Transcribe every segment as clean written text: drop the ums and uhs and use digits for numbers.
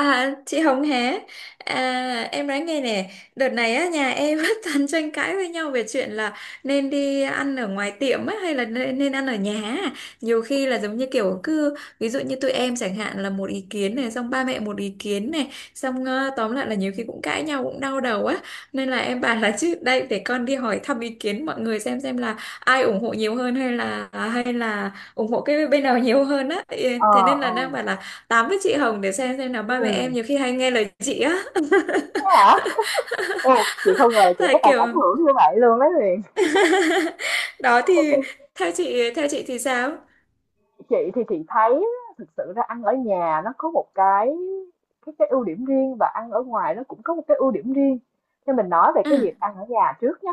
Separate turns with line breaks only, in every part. À, chị Hồng hé, à, em nói nghe nè. Đợt này á nhà em rất toàn tranh cãi với nhau về chuyện là nên đi ăn ở ngoài tiệm á hay là nên ăn ở nhà á. Nhiều khi là giống như kiểu cứ ví dụ như tụi em chẳng hạn là một ý kiến này xong ba mẹ một ý kiến này, xong tóm lại là nhiều khi cũng cãi nhau cũng đau đầu á. Nên là em bảo là chứ đây để con đi hỏi thăm ý kiến mọi người xem là ai ủng hộ nhiều hơn hay là ủng hộ cái bên nào nhiều hơn á. Ừ,
Ờ,
thế nên là
ờ,
đang bảo là tám với chị Hồng để xem nào ba mẹ em
ừm.
nhiều khi hay nghe lời chị á.
Thế hả? Ồ, chị không ngờ là chị có
Tại
tầm
kiểu
ảnh hưởng như vậy luôn đấy Huyền.
đó thì theo chị thì sao?
Chị thì chị thấy á, thực sự ra ăn ở nhà nó có một cái ưu điểm riêng và ăn ở ngoài nó cũng có một cái ưu điểm riêng. Nên mình nói về
À,
cái việc ăn ở nhà trước nhá.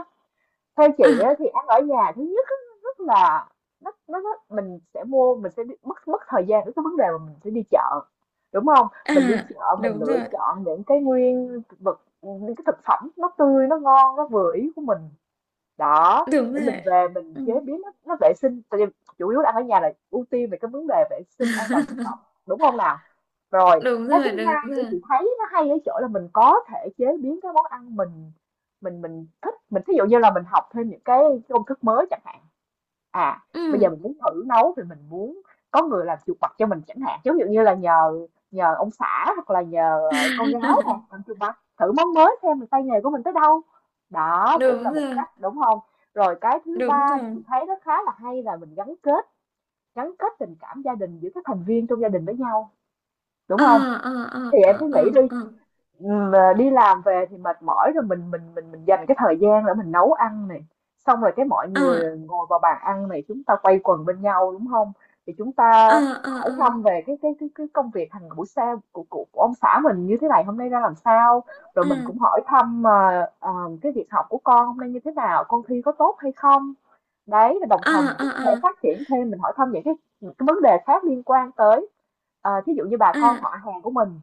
Theo chị
à,
á, thì ăn ở nhà thứ nhất á, rất là nó mình sẽ mua mình sẽ đi, mất mất thời gian với cái vấn đề mà mình sẽ đi chợ. Đúng không?
à,
Mình đi chợ mình
đúng
lựa
rồi,
chọn những cái nguyên vật những cái thực phẩm nó tươi nó ngon nó vừa ý của mình đó
đúng
để mình
rồi,
về mình
ừ.
chế biến nó vệ sinh tại vì chủ yếu là ăn ở nhà là ưu tiên về cái vấn đề vệ sinh an toàn thực phẩm, đúng không nào? Rồi
Đúng
cái thứ
rồi, đúng
hai để
rồi,
chị thấy nó hay ở chỗ là mình có thể chế biến cái món ăn mình thích, mình thí dụ như là mình học thêm những cái công thức mới chẳng hạn. à Bây giờ
ừ.
mình muốn thử nấu thì mình muốn có người làm chuột bạch cho mình chẳng hạn, giống như là nhờ nhờ ông xã hoặc là nhờ con gái nè, làm chuột bạch thử món mới xem là tay nghề của mình tới đâu, đó cũng
Đúng
là một
rồi,
cách, đúng không? Rồi cái thứ
đúng
ba chị
rồi,
thấy nó khá là hay là mình gắn kết, gắn kết tình cảm gia đình giữa các thành viên trong gia đình với nhau, đúng
à,
không?
à,
Thì
à, à,
em cứ nghĩ
à,
đi.
à,
Mà đi làm về thì mệt mỏi rồi, mình dành cái thời gian để mình nấu ăn này, xong rồi cái mọi người ngồi vào bàn ăn này, chúng ta quây quần bên nhau, đúng không? Thì chúng
à,
ta hỏi
à, à,
thăm về cái công việc hàng buổi sáng của ông xã mình như thế này, hôm nay ra làm sao. Rồi
à, à,
mình cũng hỏi thăm cái việc học của con hôm nay như thế nào, con thi có tốt hay không. Đấy, và đồng
à,
thời mình cũng có thể
à,
phát triển thêm, mình hỏi thăm những cái vấn đề khác liên quan tới. Ờ, thí dụ như bà con họ
à,
hàng của mình,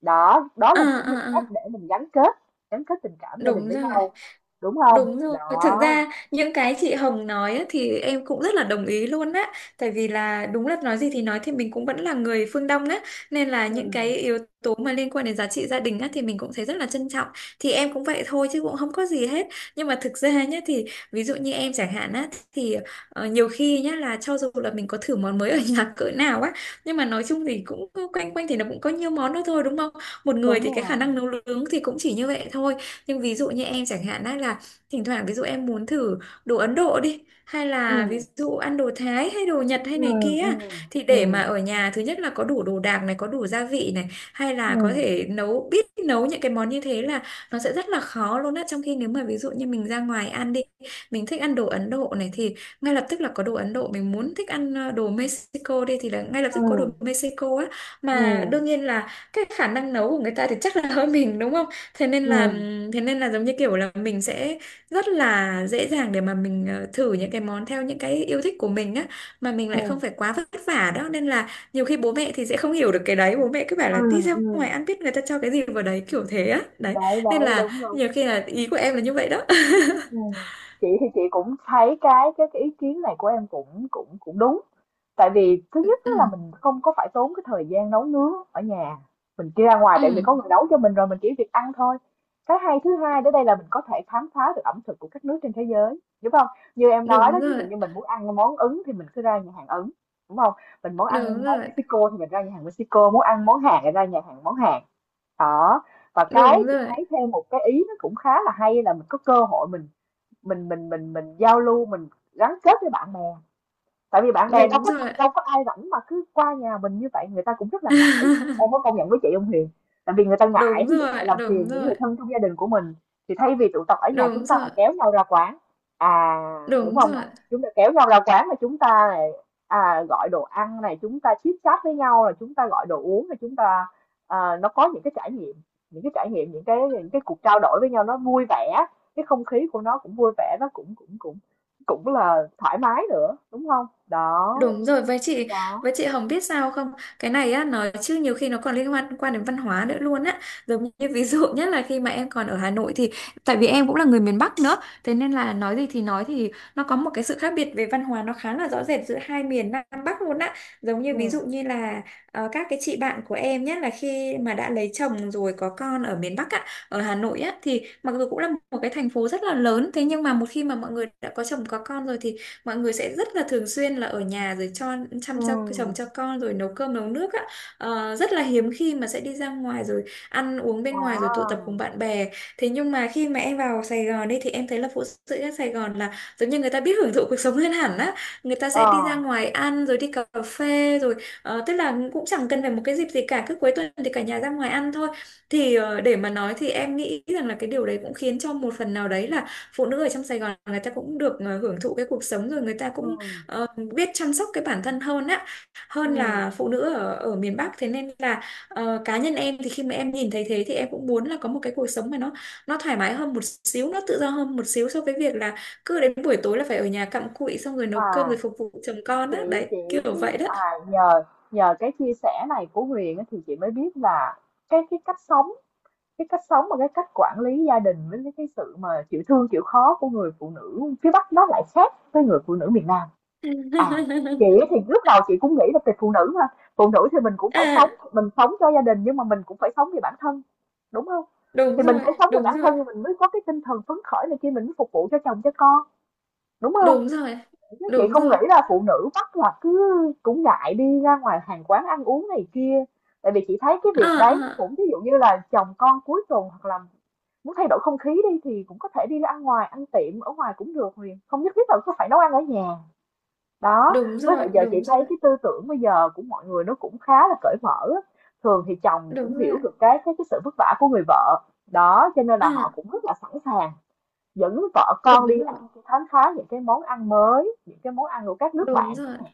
đó, đó
à,
là cũng
à,
một
à, à.
cách để mình gắn kết tình cảm gia đình
Đúng
với
rồi.
nhau, đúng không?
Đúng rồi, thực
Đó.
ra những cái chị Hồng nói á, thì em cũng rất là đồng ý luôn á. Tại vì là đúng là nói gì thì nói thì mình cũng vẫn là người phương Đông á. Nên là những
Ừ,
cái yếu tố mà liên quan đến giá trị gia đình á thì mình cũng thấy rất là trân trọng. Thì em cũng vậy thôi chứ cũng không có gì hết. Nhưng mà thực ra nhá thì ví dụ như em chẳng hạn á. Thì nhiều khi nhá là cho dù là mình có thử món mới ở nhà cỡ nào á. Nhưng mà nói chung thì cũng quanh quanh thì nó cũng có nhiều món đó thôi, đúng không? Một người
đúng
thì cái khả năng
rồi.
nấu nướng thì cũng chỉ như vậy thôi. Nhưng ví dụ như em chẳng hạn á là thỉnh thoảng ví dụ em muốn thử đồ Ấn Độ đi hay
Ừ,
là ví dụ ăn đồ Thái hay đồ Nhật hay
ừ,
này kia,
ừ,
thì
ừ,
để mà ở nhà thứ nhất là có đủ đồ đạc này có đủ gia vị này hay là có
ừ,
thể nấu biết nấu những cái món như thế là nó sẽ rất là khó luôn á, trong khi nếu mà ví dụ như mình ra ngoài ăn đi, mình thích ăn đồ Ấn Độ này thì ngay lập tức là có đồ Ấn Độ, mình muốn thích ăn đồ Mexico đi thì là ngay lập tức có đồ
ừ,
Mexico á,
ừ,
mà
ừ,
đương nhiên là cái khả năng nấu của người ta thì chắc là hơn mình đúng không. thế nên
ừ,
là thế nên là giống như kiểu là mình sẽ rất là dễ dàng để mà mình thử những cái món theo những cái yêu thích của mình á, mà mình lại không phải quá vất vả đó. Nên là nhiều khi bố mẹ thì sẽ không hiểu được cái đấy, bố mẹ cứ bảo
ừ,
là đi ra ngoài
ừ.
ăn biết người ta cho cái gì vào đấy kiểu thế á đấy.
Đấy,
Nên
đấy,
là
đúng,
nhiều
đúng.
khi là ý của em là như vậy đó.
Ừm, chị thì chị cũng thấy cái ý kiến này của em cũng cũng cũng đúng. Tại vì thứ nhất á là
Ừ,
mình không có phải tốn cái thời gian nấu nướng ở nhà. Mình đi ra ngoài
ừ,
tại vì có người nấu cho mình rồi, mình chỉ việc ăn thôi. Cái hay thứ hai đến đây là mình có thể khám phá được ẩm thực của các nước trên thế giới, đúng không? Như em nói đó,
đúng
ví
rồi,
dụ như mình muốn ăn món Ấn thì mình cứ ra nhà hàng Ấn, đúng không? Mình muốn
đúng
ăn món
rồi,
Mexico thì mình ra nhà hàng Mexico, muốn ăn món Hàn thì ra nhà hàng món Hàn. Đó. Và cái
đúng
chị
rồi,
thấy thêm một cái ý nó cũng khá là hay là mình có cơ hội mình giao lưu, mình gắn kết với bạn bè, tại vì bạn bè
đúng rồi.
đâu có ai rảnh mà cứ qua nhà mình như vậy, người ta cũng rất là ngại, em có công nhận với chị ông Huyền? Tại vì người ta ngại,
Đúng
ví dụ
rồi,
ngại làm
đúng
phiền những
rồi,
người thân trong gia đình của mình, thì thay vì tụ tập ở nhà chúng
đúng
ta lại
rồi,
kéo nhau ra quán, à, đúng
đúng
không ạ?
rồi.
Chúng ta kéo nhau ra quán là chúng ta này, à, gọi đồ ăn này, chúng ta chit chat với nhau, là chúng ta gọi đồ uống, là chúng ta, à, nó có những cái trải nghiệm, những cái cuộc trao đổi với nhau nó vui vẻ, cái không khí của nó cũng vui vẻ, nó cũng cũng cũng cũng là thoải mái nữa, đúng không? Đó,
Đúng rồi, với chị,
đó.
với chị Hồng biết sao không? Cái này á nói chứ nhiều khi nó còn liên quan quan đến văn hóa nữa luôn á. Giống như ví dụ nhất là khi mà em còn ở Hà Nội thì tại vì em cũng là người miền Bắc nữa, thế nên là nói gì thì nói thì nó có một cái sự khác biệt về văn hóa nó khá là rõ rệt giữa hai miền Nam Bắc luôn á. Giống như ví dụ
ừm,
như là các cái chị bạn của em nhé là khi mà đã lấy chồng rồi có con ở miền Bắc á, ở Hà Nội á thì mặc dù cũng là một cái thành phố rất là lớn, thế nhưng mà một khi mà mọi người đã có chồng có con rồi thì mọi người sẽ rất là thường xuyên là ở nhà rồi cho chăm cho chồng
ừm,
cho con rồi nấu cơm nấu nước á. Ờ, rất là hiếm khi mà sẽ đi ra ngoài rồi ăn uống bên ngoài rồi tụ tập
à,
cùng bạn bè. Thế nhưng mà khi mà em vào Sài Gòn đi thì em thấy là phụ nữ ở Sài Gòn là giống như người ta biết hưởng thụ cuộc sống hơn hẳn á, người ta sẽ
ờ,
đi ra ngoài ăn rồi đi cà phê rồi tức là cũng chẳng cần phải một cái dịp gì cả, cứ cuối tuần thì cả nhà ra ngoài ăn thôi. Thì để mà nói thì em nghĩ rằng là cái điều đấy cũng khiến cho một phần nào đấy là phụ nữ ở trong Sài Gòn người ta cũng được hưởng thụ cái cuộc sống rồi người ta cũng
ừm,
ờ, biết chăm sóc cái bản thân hơn á, hơn
ừm,
là phụ nữ ở ở miền Bắc. Thế nên là cá nhân em thì khi mà em nhìn thấy thế thì em cũng muốn là có một cái cuộc sống mà nó thoải mái hơn một xíu, nó tự do hơn một xíu so với việc là cứ đến buổi tối là phải ở nhà cặm cụi xong rồi nấu cơm rồi
à,
phục vụ chồng con á,
chị
đấy
chị
kiểu
chị,
vậy đó.
à, nhờ nhờ cái chia sẻ này của Huyền á, thì chị mới biết là cái cách sống, cái cách sống và cái cách quản lý gia đình với cái sự mà chịu thương chịu khó của người phụ nữ phía Bắc nó lại khác với người phụ nữ miền Nam. À, chị thì lúc đầu chị cũng nghĩ là về phụ nữ mà, phụ nữ thì mình cũng phải sống,
À,
mình sống cho gia đình nhưng mà mình cũng phải sống vì bản thân, đúng không?
đúng
Thì mình
rồi,
phải sống cho
đúng
bản
rồi,
thân thì mình mới có cái tinh thần phấn khởi này kia, mình mới phục vụ cho chồng cho con, đúng không?
đúng rồi,
Chứ chị
đúng
không nghĩ
rồi,
là phụ nữ bắt là cứ cũng ngại đi ra ngoài hàng quán ăn uống này kia, tại vì chị thấy cái
à,
việc đấy nó
à,
cũng, ví dụ như là chồng con cuối tuần hoặc là muốn thay đổi không khí đi thì cũng có thể đi ra ăn ngoài, ăn tiệm ở ngoài cũng được Huyền, không nhất thiết là cứ phải nấu ăn ở nhà. Đó,
đúng
với
rồi,
lại giờ chị
đúng
thấy
rồi,
cái tư tưởng bây giờ của mọi người nó cũng khá là cởi mở á. Thường thì chồng cũng
đúng rồi,
hiểu được cái sự vất vả của người vợ. Đó, cho nên là họ
à.
cũng rất là sẵn sàng dẫn vợ con
Đúng
đi
rồi,
ăn, đi khám phá những cái món ăn mới, những cái món ăn của các nước
đúng
bạn chẳng
rồi,
hạn.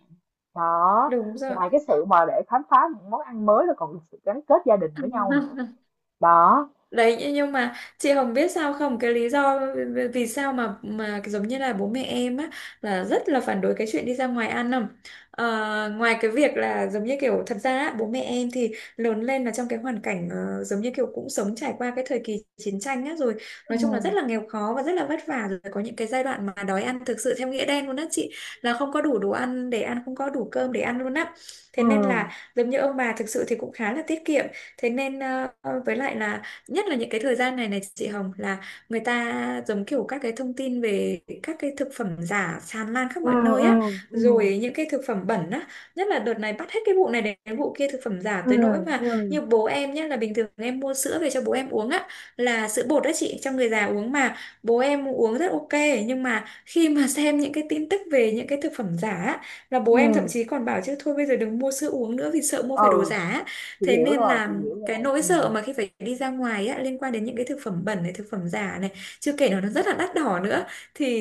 Đó,
đúng rồi.
ngoài cái sự mà để khám phá những món ăn mới là còn được sự gắn kết gia đình với nhau nữa. Đó.
Đấy, nhưng mà chị Hồng biết sao không cái lý do vì sao mà giống như là bố mẹ em á là rất là phản đối cái chuyện đi ra ngoài ăn không? Ờ, ngoài cái việc là giống như kiểu thật ra á, bố mẹ em thì lớn lên là trong cái hoàn cảnh giống như kiểu cũng sống trải qua cái thời kỳ chiến tranh á, rồi nói chung là
Ừ,
rất là nghèo khó và rất là vất vả, rồi có những cái giai đoạn mà đói ăn thực sự theo nghĩa đen luôn á chị, là không có đủ đồ ăn để ăn, không có đủ cơm để ăn luôn á. Thế
ừ,
nên là giống như ông bà thực sự thì cũng khá là tiết kiệm. Thế nên với lại là nhất là những cái thời gian này này chị Hồng, là người ta giống kiểu các cái thông tin về các cái thực phẩm giả tràn lan khắp
ừ,
mọi nơi
ừ,
á,
ừ,
rồi những cái thực phẩm bẩn á. Nhất là đợt này bắt hết cái vụ này đến vụ kia, thực phẩm giả
ừ,
tới nỗi mà
ừ,
như bố em nhé, là bình thường em mua sữa về cho bố em uống á, là sữa bột đó chị, cho người già uống mà bố em uống rất ok. Nhưng mà khi mà xem những cái tin tức về những cái thực phẩm giả á, là bố em thậm
ừ.
chí còn bảo chứ thôi bây giờ đừng mua sữa uống nữa vì sợ mua phải đồ
Ừ,
giả á.
chị
Thế
hiểu
nên
rồi, chị
là
hiểu
cái
rồi.
nỗi
Ừ.
sợ mà khi phải đi ra ngoài á, liên quan đến những cái thực phẩm bẩn này, thực phẩm giả này, chưa kể là nó rất là đắt đỏ nữa,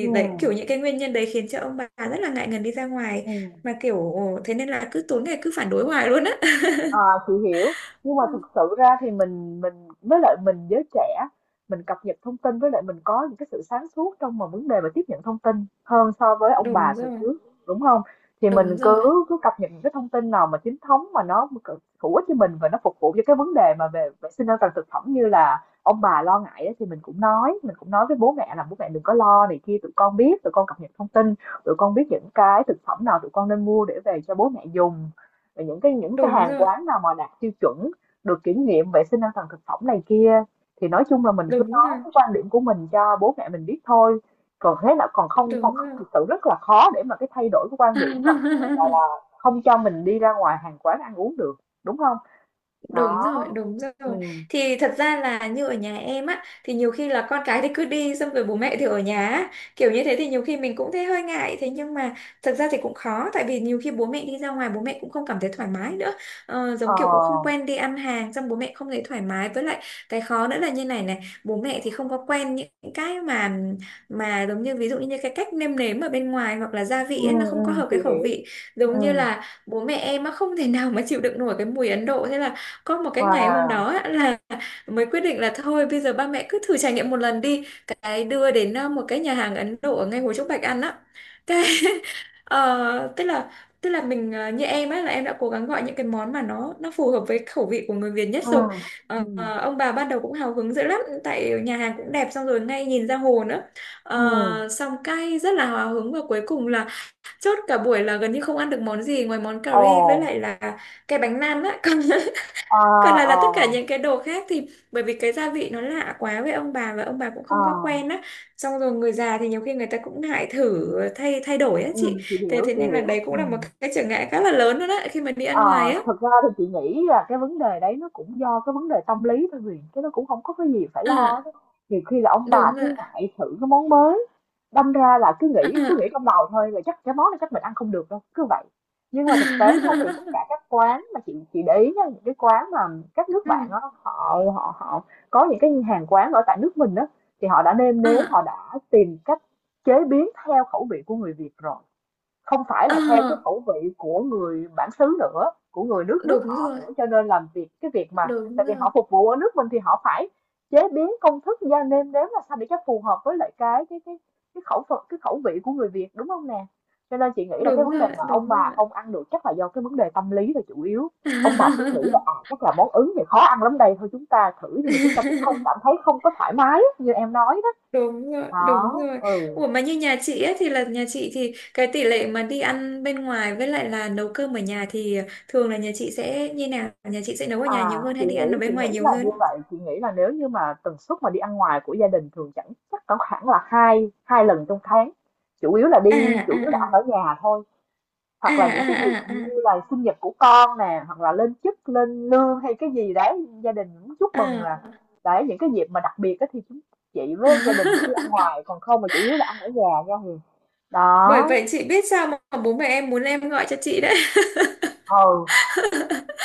Ừ.
đấy kiểu những cái nguyên nhân đấy khiến cho ông bà rất là ngại ngần đi ra ngoài.
Ừ.
Mà kiểu thế nên là cứ tối ngày cứ phản đối hoài luôn á.
À, chị hiểu. Nhưng mà thực
Ừ,
sự ra thì mình với lại mình giới trẻ, mình cập nhật thông tin, với lại mình có những cái sự sáng suốt trong mà vấn đề mà tiếp nhận thông tin hơn so với ông bà
đúng
thời
rồi,
trước, đúng không? Thì mình
đúng rồi,
cứ cứ cập nhật những cái thông tin nào mà chính thống mà nó hữu ích cho mình và nó phục vụ cho cái vấn đề mà về vệ sinh an toàn thực phẩm như là ông bà lo ngại ấy, thì mình cũng nói, mình cũng nói với bố mẹ là bố mẹ đừng có lo này kia, tụi con biết, tụi con cập nhật thông tin, tụi con biết những cái thực phẩm nào tụi con nên mua để về cho bố mẹ dùng, và những cái
đúng
hàng
rồi,
quán nào mà đạt tiêu chuẩn, được kiểm nghiệm vệ sinh an toàn thực phẩm này kia. Thì nói chung là mình cứ
đúng
nói
rồi,
cái quan điểm của mình cho bố mẹ mình biết thôi, còn thế là còn không, còn
đúng
không
rồi.
thực sự rất là khó để mà cái thay đổi cái quan điểm là là không cho mình đi ra ngoài hàng quán ăn uống được, đúng không? Đó.
Đúng rồi, đúng
Ừ.
rồi. Thì thật ra là như ở nhà em á, thì nhiều khi là con cái thì cứ đi xong rồi bố mẹ thì ở nhà á. Kiểu như thế thì nhiều khi mình cũng thấy hơi ngại, thế nhưng mà thật ra thì cũng khó tại vì nhiều khi bố mẹ đi ra ngoài bố mẹ cũng không cảm thấy thoải mái nữa. Ờ,
Ờ.
giống kiểu cũng không quen đi ăn hàng, xong bố mẹ không thấy thoải mái với lại cái khó nữa là như này này, bố mẹ thì không có quen những cái mà giống như ví dụ như cái cách nêm nếm ở bên ngoài hoặc là gia
Ừ,
vị ấy, nó
ừ,
không có hợp
chị
cái khẩu
hiểu.
vị. Giống
Ừ.
như là bố mẹ em á không thể nào mà chịu đựng nổi cái mùi Ấn Độ. Thế là có một cái ngày hôm đó
Wow.
á, là mới quyết định là thôi bây giờ ba mẹ cứ thử trải nghiệm một lần đi, cái đưa đến một cái nhà hàng Ấn Độ ở ngay Hồ Trúc Bạch ăn á. Cái ờ, tức là tức là mình như em á là em đã cố gắng gọi những cái món mà nó phù hợp với khẩu vị của người Việt nhất rồi.
Ừ. Ừ.
Ờ, ờ, ông bà ban đầu cũng hào hứng dữ lắm tại nhà hàng cũng đẹp, xong rồi ngay nhìn ra hồ nữa.
Ừ.
Ờ, xong cay rất là hào hứng và cuối cùng là chốt cả buổi là gần như không ăn được món gì ngoài món cà
Ồ.
ri với lại là cái bánh nan á. Còn
À,
còn là tất cả
à,
những cái đồ khác thì bởi vì cái gia vị nó lạ quá với ông bà và ông bà cũng không có
à.
quen á. Xong rồi người già thì nhiều khi người ta cũng ngại thử thay thay đổi á
Ừ,
chị.
chị
thế
hiểu,
thế
chị
nên là
hiểu.
đấy cũng
Ừ.
là một cái trở ngại khá là lớn đó, đó khi mà đi
Ờ,
ăn ngoài á.
thực ra thì chị nghĩ là cái vấn đề đấy nó cũng do cái vấn đề tâm lý thôi Huyền, chứ nó cũng không có cái gì phải lo
À,
đó á. Nhiều khi là ông bà
đúng rồi,
cứ ngại thử cái món mới, đâm ra là cứ nghĩ
à.
trong đầu thôi là chắc cái món này chắc mình ăn không được đâu, cứ vậy. Nhưng mà thực tế thôi thì tất cả các quán mà chị để ý nha, những cái quán mà các nước bạn
Ừ.
á, họ họ họ có những cái hàng quán ở tại nước mình đó, thì họ đã nêm nếm,
À,
họ đã tìm cách chế biến theo khẩu vị của người Việt rồi, không phải là theo cái
à,
khẩu vị của người bản xứ nữa, của người nước nước
đúng
họ
rồi,
nữa, cho nên làm việc cái việc mà
đúng
tại vì
rồi,
họ phục vụ ở nước mình thì họ phải chế biến công thức gia nêm nếm là sao để cho phù hợp với lại cái khẩu phần, cái khẩu vị của người Việt, đúng không nè? Cho nên chị nghĩ là cái
đúng
vấn đề
rồi,
mà ông
đúng rồi.
bà không ăn được chắc là do cái vấn đề tâm lý là chủ yếu, ông bà cứ nghĩ là à, chắc là món Ứng thì khó ăn lắm đây, thôi chúng ta thử nhưng mà chúng ta cũng không cảm thấy, không có thoải mái như em nói đó.
Đúng rồi, đúng
Đó.
rồi.
Ừ.
Ủa mà như nhà chị ấy, thì là nhà chị thì cái tỷ lệ mà đi ăn bên ngoài với lại là nấu cơm ở nhà thì thường là nhà chị sẽ như nào? Nhà chị sẽ nấu ở nhà nhiều
À,
hơn
chị
hay đi ăn ở
nghĩ, chị
bên ngoài
nghĩ
nhiều
là như
hơn?
vậy, chị nghĩ là nếu như mà tần suất mà đi ăn ngoài của gia đình thường chẳng chắc có khoảng là hai hai lần trong tháng. Chủ yếu là
À,
đi,
à,
chủ yếu là
à,
ăn ở nhà thôi,
à,
hoặc là những cái dịp
à,
như
à,
là sinh nhật của con nè, hoặc là lên chức, lên lương hay cái gì đấy gia đình muốn chúc mừng,
à,
là
à.
đấy những cái dịp mà đặc biệt á thì chị với gia đình mới đi ăn ngoài, còn không mà chủ yếu là ăn ở nhà nha Huyền.
Bởi
Đó.
vậy chị biết sao mà bố mẹ em muốn em gọi cho chị đấy.
Ừ.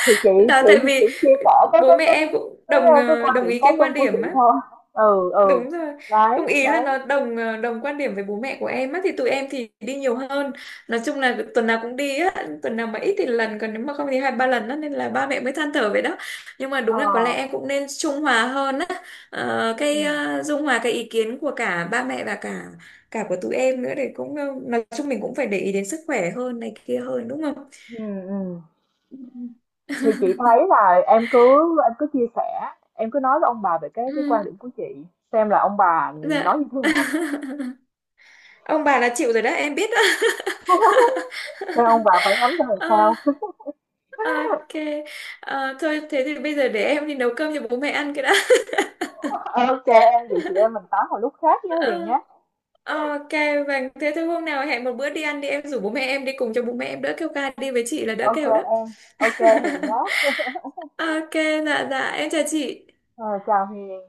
Thì chị
Đó
chị
tại
thì
vì
cũng chia sẻ
bố mẹ em cũng
cái,
đồng
cái quan
đồng
điểm
ý
cá
cái
nhân
quan
của
điểm
chị
á.
thôi. Ừ, ừ.
Đúng rồi. Không,
Đấy,
ý là
đấy.
nó đồng đồng quan điểm với bố mẹ của em á thì tụi em thì đi nhiều hơn. Nói chung là tuần nào cũng đi á, tuần nào mà ít thì lần, còn nếu mà không thì hai ba lần á nên là ba mẹ mới than thở vậy đó. Nhưng mà đúng
Ờ.
là có lẽ em cũng nên trung hòa hơn á. Ờ,
Ừ.
cái dung hòa cái ý kiến của cả ba mẹ và cả cả của tụi em nữa, để cũng nói chung mình cũng phải để ý đến sức khỏe hơn này kia hơn đúng không?
Ừ, ừ.
Ừ.
Thì chị thấy là em cứ, em cứ chia sẻ, em cứ nói với ông bà về cái quan
Ừ,
điểm của chị, xem là ông bà
dạ.
nói như thế nào.
Ông bà là chịu rồi đó, em biết đó.
Xem ông bà phản ánh ra làm sao.
Ok. Ờ, thôi thế thì bây giờ để em đi nấu cơm cho bố mẹ ăn cái đã.
Ok em, vậy chị em mình tám một lúc khác nhé Huyền
Ờ,
nhé.
ok, vâng. Thế thôi hôm nào hẹn một bữa đi ăn đi, em rủ bố mẹ em đi cùng cho bố mẹ em đỡ kêu ca, đi với chị là đỡ
Ok
kêu đó.
em, ok Huyền nhé.
Ok, dạ dạ em chào chị.
Ờ, chào Huyền.